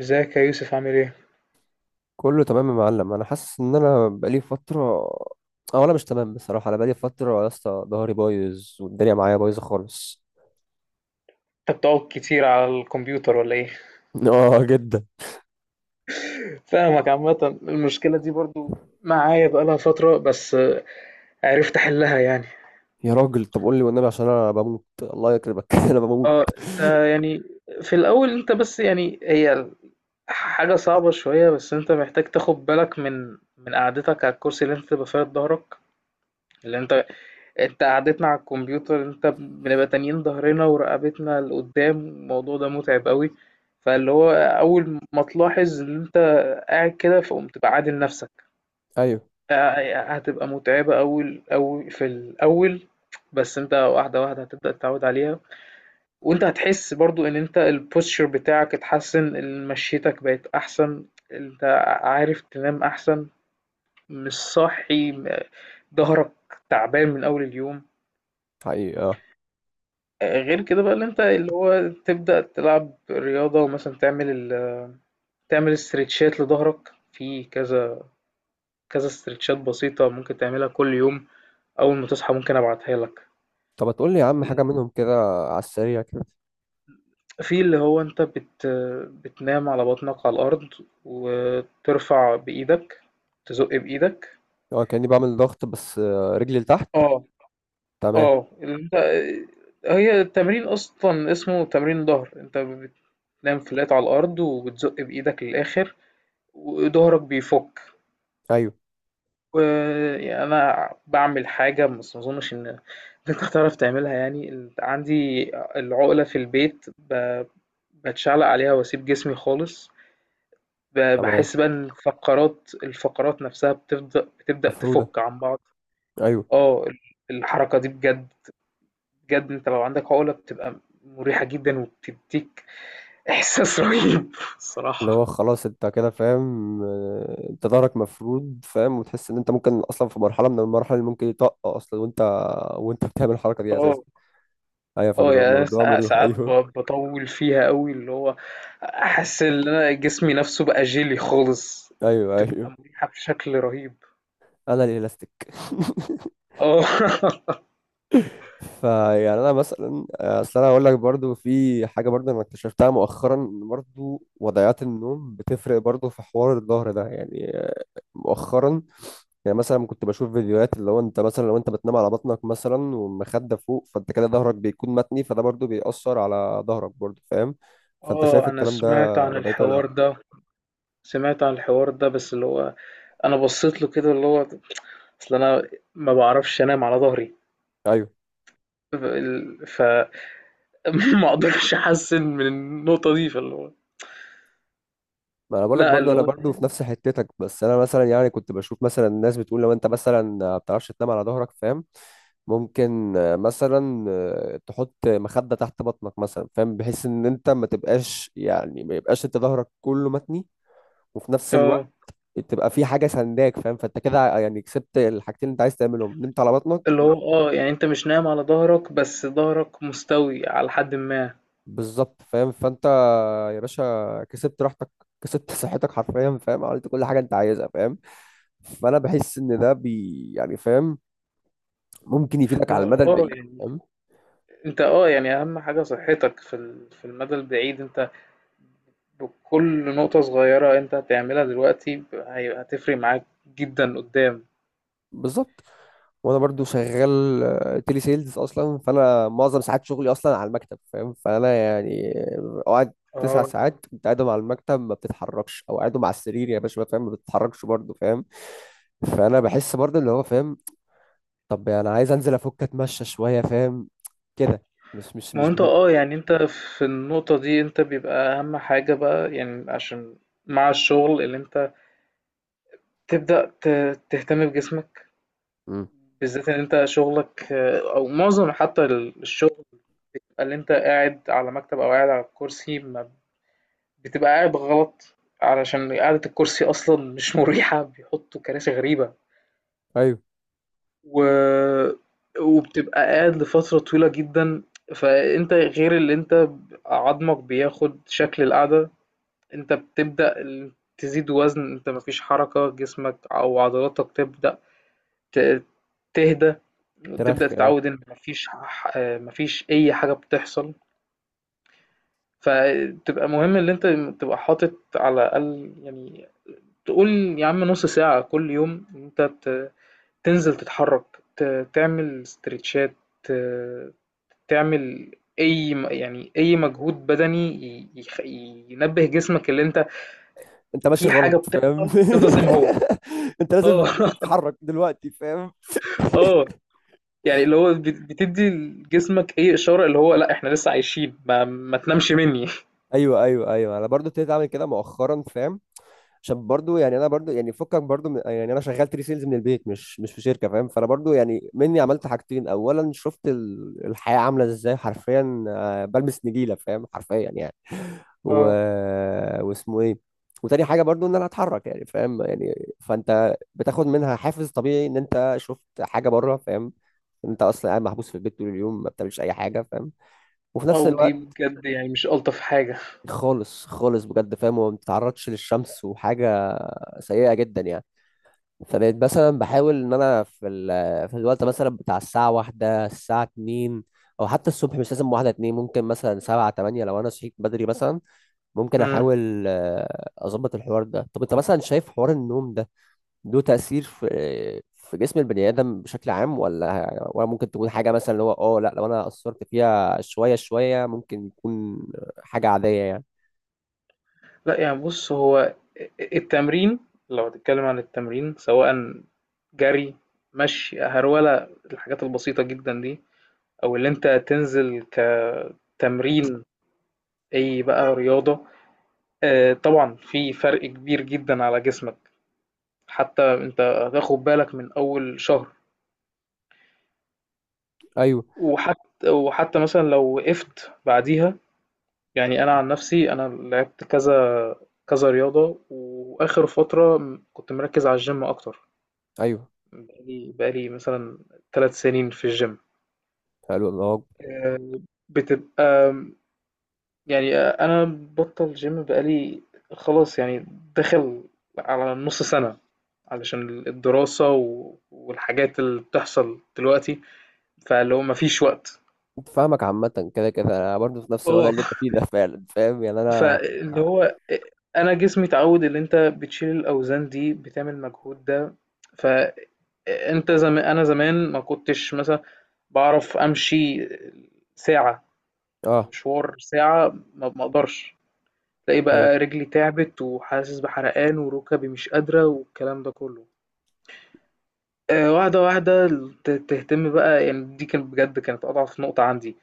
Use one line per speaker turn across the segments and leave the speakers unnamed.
ازيك يا يوسف، عامل ايه؟
كله تمام يا معلم. انا حاسس ان انا بقالي فتره، او انا مش تمام بصراحه. انا بقالي فتره يا اسطى ظهري بايظ والدنيا معايا بايظه خالص.
انت بتقعد كتير على الكمبيوتر ولا ايه؟
اه جدا.
فاهمك، عامة المشكلة دي برضو معايا بقالها فترة، بس عرفت احلها يعني.
يا راجل طب قول لي والنبي عشان انا بموت الله يكرمك، انا بموت.
اه، انت يعني في الاول، انت بس يعني هي حاجة صعبة شوية، بس انت محتاج تاخد بالك من قعدتك على الكرسي اللي انت تبقى فيها ظهرك، اللي انت قعدتنا على الكمبيوتر، انت بنبقى تانيين ظهرنا ورقبتنا لقدام، الموضوع ده متعب قوي. فاللي هو اول ما تلاحظ ان انت قاعد كده، فقوم تبقى عادل نفسك.
ايوه
هتبقى متعبة، اول اول في الاول، بس انت واحدة واحدة هتبدأ تتعود عليها، وانت هتحس برضو ان انت البوستشر بتاعك اتحسن، مشيتك بقت احسن، انت عارف تنام احسن، مش صاحي ظهرك تعبان من اول اليوم.
حقيقي اه.
غير كده بقى اللي انت اللي هو تبدأ تلعب رياضة، ومثلا تعمل تعمل استرتشات لظهرك في كذا كذا، استرتشات بسيطة ممكن تعملها كل يوم، أول ما تصحى ممكن أبعتها لك.
طب ما تقول لي يا عم حاجه منهم كده، على السريع كده.
في اللي هو انت بتنام على بطنك على الأرض، وترفع بإيدك، تزق بإيدك.
اه كاني بعمل ضغط بس رجلي لتحت.
اه.
تمام.
اه، اللي انت هي التمرين أصلا، اسمه تمرين ظهر، انت بتنام فلات على الأرض، وبتزق بإيدك للآخر، وظهرك بيفك.
ايوه
وأنا باعمل حاجة، بس ما أظنش إن أنت هتعرف تعملها يعني، عندي العقلة في البيت، بتشعلق عليها وأسيب جسمي خالص،
تمام،
بحس بقى إن الفقرات نفسها بتبدأ
مفروده.
تفك عن بعض.
ايوه
اه ال- الحركة دي بجد، بجد أنت لو عندك عقلة بتبقى مريحة جدا، وبتديك إحساس رهيب
اللي
الصراحة.
هو خلاص انت كده فاهم، انت ظهرك مفرود فاهم، وتحس ان انت ممكن اصلا في مرحله من المراحل اللي ممكن يطق اصلا، وانت بتعمل الحركه دي
اه
اساسا. ايوه
اه
فبيبقى
يعني أنا
الموضوع مريح.
ساعات
ايوه.
بطول فيها قوي، اللي هو احس ان انا جسمي نفسه بقى جيلي خالص،
ايوه
بتبقى
ايوه
مريحة بشكل رهيب.
انا الالاستيك.
اه
فيعني انا مثلا، اصل انا اقول لك برضو في حاجه برضو انا اكتشفتها مؤخرا ان برضو وضعيات النوم بتفرق برضو في حوار الظهر ده يعني، مؤخرا. يعني مثلا كنت بشوف فيديوهات اللي هو انت مثلا لو انت بتنام على بطنك مثلا والمخدة فوق، فانت كده ظهرك بيكون متني، فده برضو بيأثر على ظهرك برضو فاهم. فانت شايف
اه، انا
الكلام ده
سمعت عن
وضعيته ولا لا؟
الحوار ده سمعت عن الحوار ده، بس اللي هو انا بصيت له كده، اللي هو اصل انا ما بعرفش انام على ظهري،
ايوه
فما اقدرش احسن من النقطة دي. فاللي هو
ما انا بقول لك
لا،
برضو
اللي
انا
هو
برضو في نفس حتتك. بس انا مثلا يعني كنت بشوف مثلا الناس بتقول لو انت مثلا ما بتعرفش تنام على ظهرك فاهم، ممكن مثلا تحط مخدة تحت بطنك مثلا فاهم، بحيث ان انت ما تبقاش يعني ما يبقاش انت ظهرك كله متني، وفي نفس الوقت
اه،
تبقى في حاجه سنداك فاهم. فانت كده يعني كسبت الحاجتين اللي انت عايز تعملهم، نمت على بطنك
اللي هو اه يعني انت مش نايم على ظهرك، بس ظهرك مستوي على حد ما.
بالظبط فاهم. فانت يا باشا كسبت راحتك، كسبت صحتك حرفيا فاهم، عملت كل حاجه انت عايزها فاهم. فانا بحس ان ده بي يعني فاهم، ممكن يفيدك
ما
على المدى
هو اه
البعيد
يعني
فاهم.
انت اه يعني اهم حاجة صحتك في في المدى البعيد، انت بكل نقطة صغيرة انت هتعملها دلوقتي، هتفرق معاك جدا قدام.
بالظبط. وانا برضو شغال تيلي سيلز اصلا، فانا معظم ساعات شغلي اصلا على المكتب فاهم. فانا يعني اقعد تسع
اه،
ساعات انت قاعدهم على المكتب ما بتتحركش، او قاعدهم على السرير يا باشا فاهم ما بتتحركش برضو فاهم. فانا بحس برضو اللي هو فاهم، طب انا عايز انزل افك اتمشى شويه فاهم كده. مش مش
ما هو
مش
انت
بحي...
اه يعني انت في النقطة دي انت بيبقى اهم حاجة بقى يعني، عشان مع الشغل اللي انت تبدأ تهتم بجسمك،
مم.
بالذات ان انت شغلك آه، او معظم حتى الشغل اللي انت قاعد على مكتب او قاعد على كرسي، بتبقى قاعد غلط، علشان قعدة الكرسي أصلا مش مريحة، بيحطوا كراسي غريبة،
ايوه.
و... وبتبقى قاعد لفترة طويلة جدا. فأنت غير اللي أنت عظمك بياخد شكل القعدة، أنت بتبدأ تزيد وزن، أنت مفيش حركة، جسمك أو عضلاتك تبدأ ت- تهدى، وتبدأ
تراخي اه.
تتعود إن مفيش مفيش أي حاجة بتحصل. فتبقى مهم إن أنت تبقى حاطط على الأقل يعني، تقول يا عم نص ساعة كل يوم إن انت ت- تنزل تتحرك، تعمل استرتشات، ت- تعمل اي يعني اي مجهود بدني ينبه جسمك، اللي انت
انت ماشي
في حاجة
غلط فاهم.
بتحصل تفضل زي ما هو.
انت لازم
اه
لازم تتحرك دلوقتي فاهم.
اه يعني اللي هو بتدي لجسمك اي اشارة اللي هو لا احنا لسه عايشين، ما تنامش مني.
ايوه انا برضو ابتديت اعمل كده مؤخرا فاهم. عشان برضو يعني انا برضو يعني فكك برضو من يعني، انا شغال تري سيلز من البيت مش في شركه فاهم. فانا برضو يعني مني عملت حاجتين، اولا شفت الحياه عامله ازاي حرفيا، بلبس نجيله فاهم حرفيا يعني، و...
اه،
واسمه ايه. وتاني حاجه برضو ان انا اتحرك يعني فاهم يعني، فانت بتاخد منها حافز طبيعي ان انت شفت حاجه بره فاهم. انت اصلا قاعد محبوس في البيت طول اليوم ما بتعملش اي حاجه فاهم. وفي نفس
او دي
الوقت
بجد يعني مش الطف حاجة.
خالص خالص بجد فاهم، وما بتتعرضش للشمس وحاجة سيئة جدا يعني. فبقيت مثلا بحاول ان انا في في الوقت مثلا بتاع الساعة واحدة الساعة اتنين، او حتى الصبح مش لازم واحدة اتنين، ممكن مثلا سبعة تمانية لو انا صحيت بدري مثلا، ممكن
مم.
احاول اظبط الحوار ده. طب انت مثلا شايف حوار النوم ده له تأثير في في جسم البني آدم بشكل عام، ولا ممكن تكون حاجة مثلا اللي هو اه لا، لو انا قصرت فيها شوية شوية ممكن يكون حاجة عادية يعني؟
لأ يعني بُص، هو التمرين، لو هتتكلم عن التمرين سواءً جري، مشي، هرولة، الحاجات البسيطة جدًا دي، أو اللي أنت تنزل كتمرين، أي بقى رياضة، طبعًا في فرق كبير جدًا على جسمك، حتى أنت هتاخد بالك من أول شهر،
ايوه
وحت وحتى مثلًا لو وقفت بعديها. يعني أنا عن نفسي أنا لعبت كذا كذا رياضة، وآخر فترة م كنت مركّز على الGym أكتر.
ايوه
بقالي مثلًا 3 سنين في الgym.
حلو الله أكبر.
آآ بتبقى يعني آه، أنا مبطّل gym بقالي خلاص يعني، داخل على نُص سَنة، علشان الدراسة و والحاجات اللي بتحصل دلوقتي، فاللي هو ما فيش وقت.
فاهمك عامة. كده كده أنا برضه في نفس الوضع اللي أنت
آه،
فيه ده. فعلا فاهم يعني أنا.
فاللي هو أ أنا جسمي اتعوّد اللي أنت بتشيل الأوزان دي، بتعمل المجهود ده، فأنت أنا زمان ما كنتش مثلًا باعرف أمشي ساعة.
أه.
فمشوار ساعة ما اقدرش، تلاقي
أيوه.
بقى رجلي تعبت، وحاسس بحرقان، وركبي مش قادرة، والكلام ده كله. آه، واحدة واحدة تهتم بقى يعني، دي كانت بجد كانت أضعف نقطة عندي،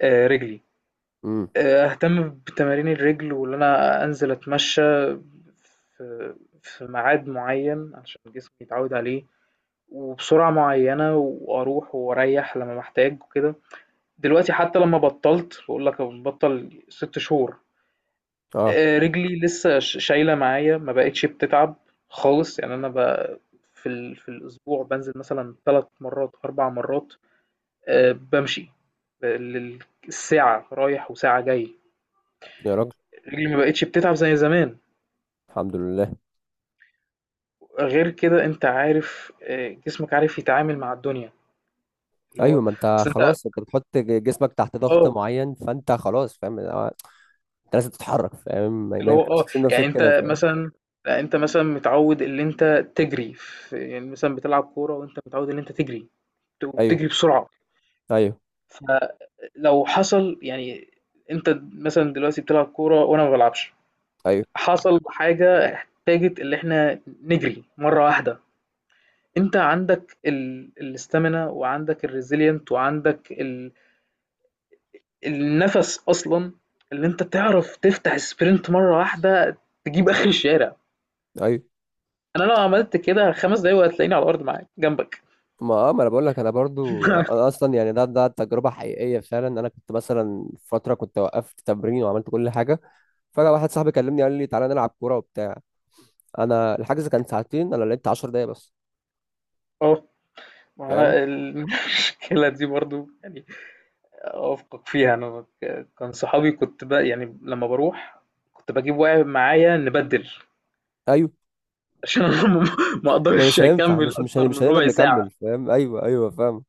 آه، رجلي.
أمم.
آه، أهتم بتمارين الرجل، وإن أنا أنزل أتمشى في في ميعاد معين عشان جسمي يتعود عليه، وبسرعة معينة، وأروح وأريح لما محتاج وكده. دلوقتي حتى لما بطلت، بقول لك بطل 6 شهور،
أه.
آه، رجلي لسه شايله معايا، ما بقتش بتتعب خالص يعني، انا في في الاسبوع بنزل مثلا 3 مرات 4 مرات، آه، بمشي، ب- لل- الساعه رايح وساعه جاي.
يا راجل
رجلي ما بقتش بتتعب زي زمان،
الحمد لله.
غير كده انت عارف آه، جسمك عارف يتعامل مع الدنيا اللي
أيوه
هو
ما أنت
اصل انت.
خلاص أنت بتحط جسمك تحت ضغط
اه،
معين، فأنت خلاص فاهم أنت لازم تتحرك فاهم، ما
اللي هو
ينفعش
اه
تسيب
يعني
نفسك كده
انت
فاهم.
مثلا، لا انت مثلا متعود ان انت تجري في، يعني مثلا بتلعب كوره وانت متعود ان انت تجري،
أيوه
وبتجري بسرعه.
أيوه
لو حصل يعني، أنت مثلًا دلوقتي بتلعب كورة وأنا ما بالعبش،
أيوه
حصل حاجة فاجت اللي إحنا نجري مرّة واحدة، أنت عندك ال الstamina وعندك الresilient وعندك النَفَس أصلًا، اللي أنت تعرف تفتح sprint مرّة واحدة تجيب آخر الشارع،
أيوه
أنا لو عملت كده 5 دقايق وهتلاقيني على الأرض معاك جنبك.
ما اه ما انا بقول لك انا برضو، انا اصلا يعني ده ده تجربه حقيقيه فعلا. انا كنت مثلا فتره كنت وقفت تمرين وعملت كل حاجه، فجاه واحد صاحبي كلمني قال لي تعالى نلعب كوره وبتاع. انا الحجز كان ساعتين، انا لعبت 10 دقايق بس
آه، ما
فاهم.
أنا المشكلة دي برضه يعني أوافقك فيها، أنا كان صحابي، كنت بقى يعني لما بروح كنت بجيب واحد معايا نبدل،
ايوه
عشان أنا ما
ما مش
أقدرش
هينفع،
أكمل
مش مش هن-
أكتر من
مش هنقدر
ربع ساعة.
نكمل فاهم. ايوه ايوه فاهم.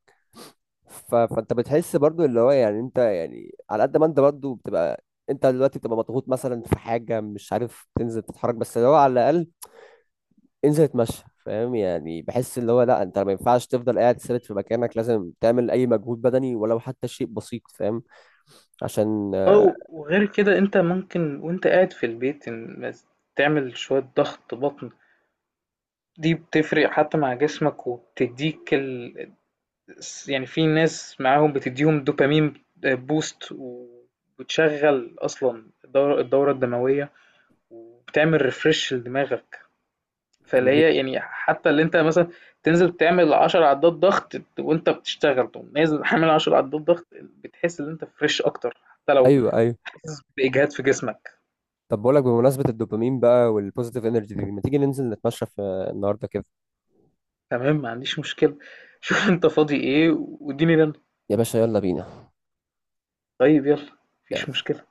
فانت بتحس برضو اللي هو يعني انت يعني على قد ما انت برضو بتبقى، انت دلوقتي بتبقى مضغوط مثلا في حاجه مش عارف تنزل تتحرك، بس اللي هو على الاقل انزل اتمشى فاهم. يعني بحس اللي هو لا، انت ما ينفعش تفضل قاعد ثابت في مكانك، لازم تعمل اي مجهود بدني ولو حتى شيء بسيط فاهم، عشان آه.
أو وغير كده أنت ممكن وأنت قاعد في البيت بس تعمل شوية ضغط بطن، دي بتفرق حتى مع جسمك، وبتديك يعني في ناس معاهم بتديهم دوبامين بوست، وبتشغل أصلا الدورة الدموية، وبتعمل ريفرش لدماغك.
طب
فاللي
ما دي-
هي يعني حتى اللي انت مثلا تنزل تعمل 10 عدات ضغط، وانت بتشتغل تقوم نازل حامل 10 عدات ضغط، بتحس ان انت فريش اكتر، حتى لو
ايوه ايوه.
حاسس باجهاد في جسمك.
طب بقولك بمناسبة الدوبامين بقى والبوزيتيف انرجي دي، ما تيجي ننزل نتمشى في النهاردة كده؟
تمام، ما عنديش مشكله، شوف انت فاضي ايه واديني رن.
يا باشا يلا بينا.
طيب يلا، مفيش مشكله.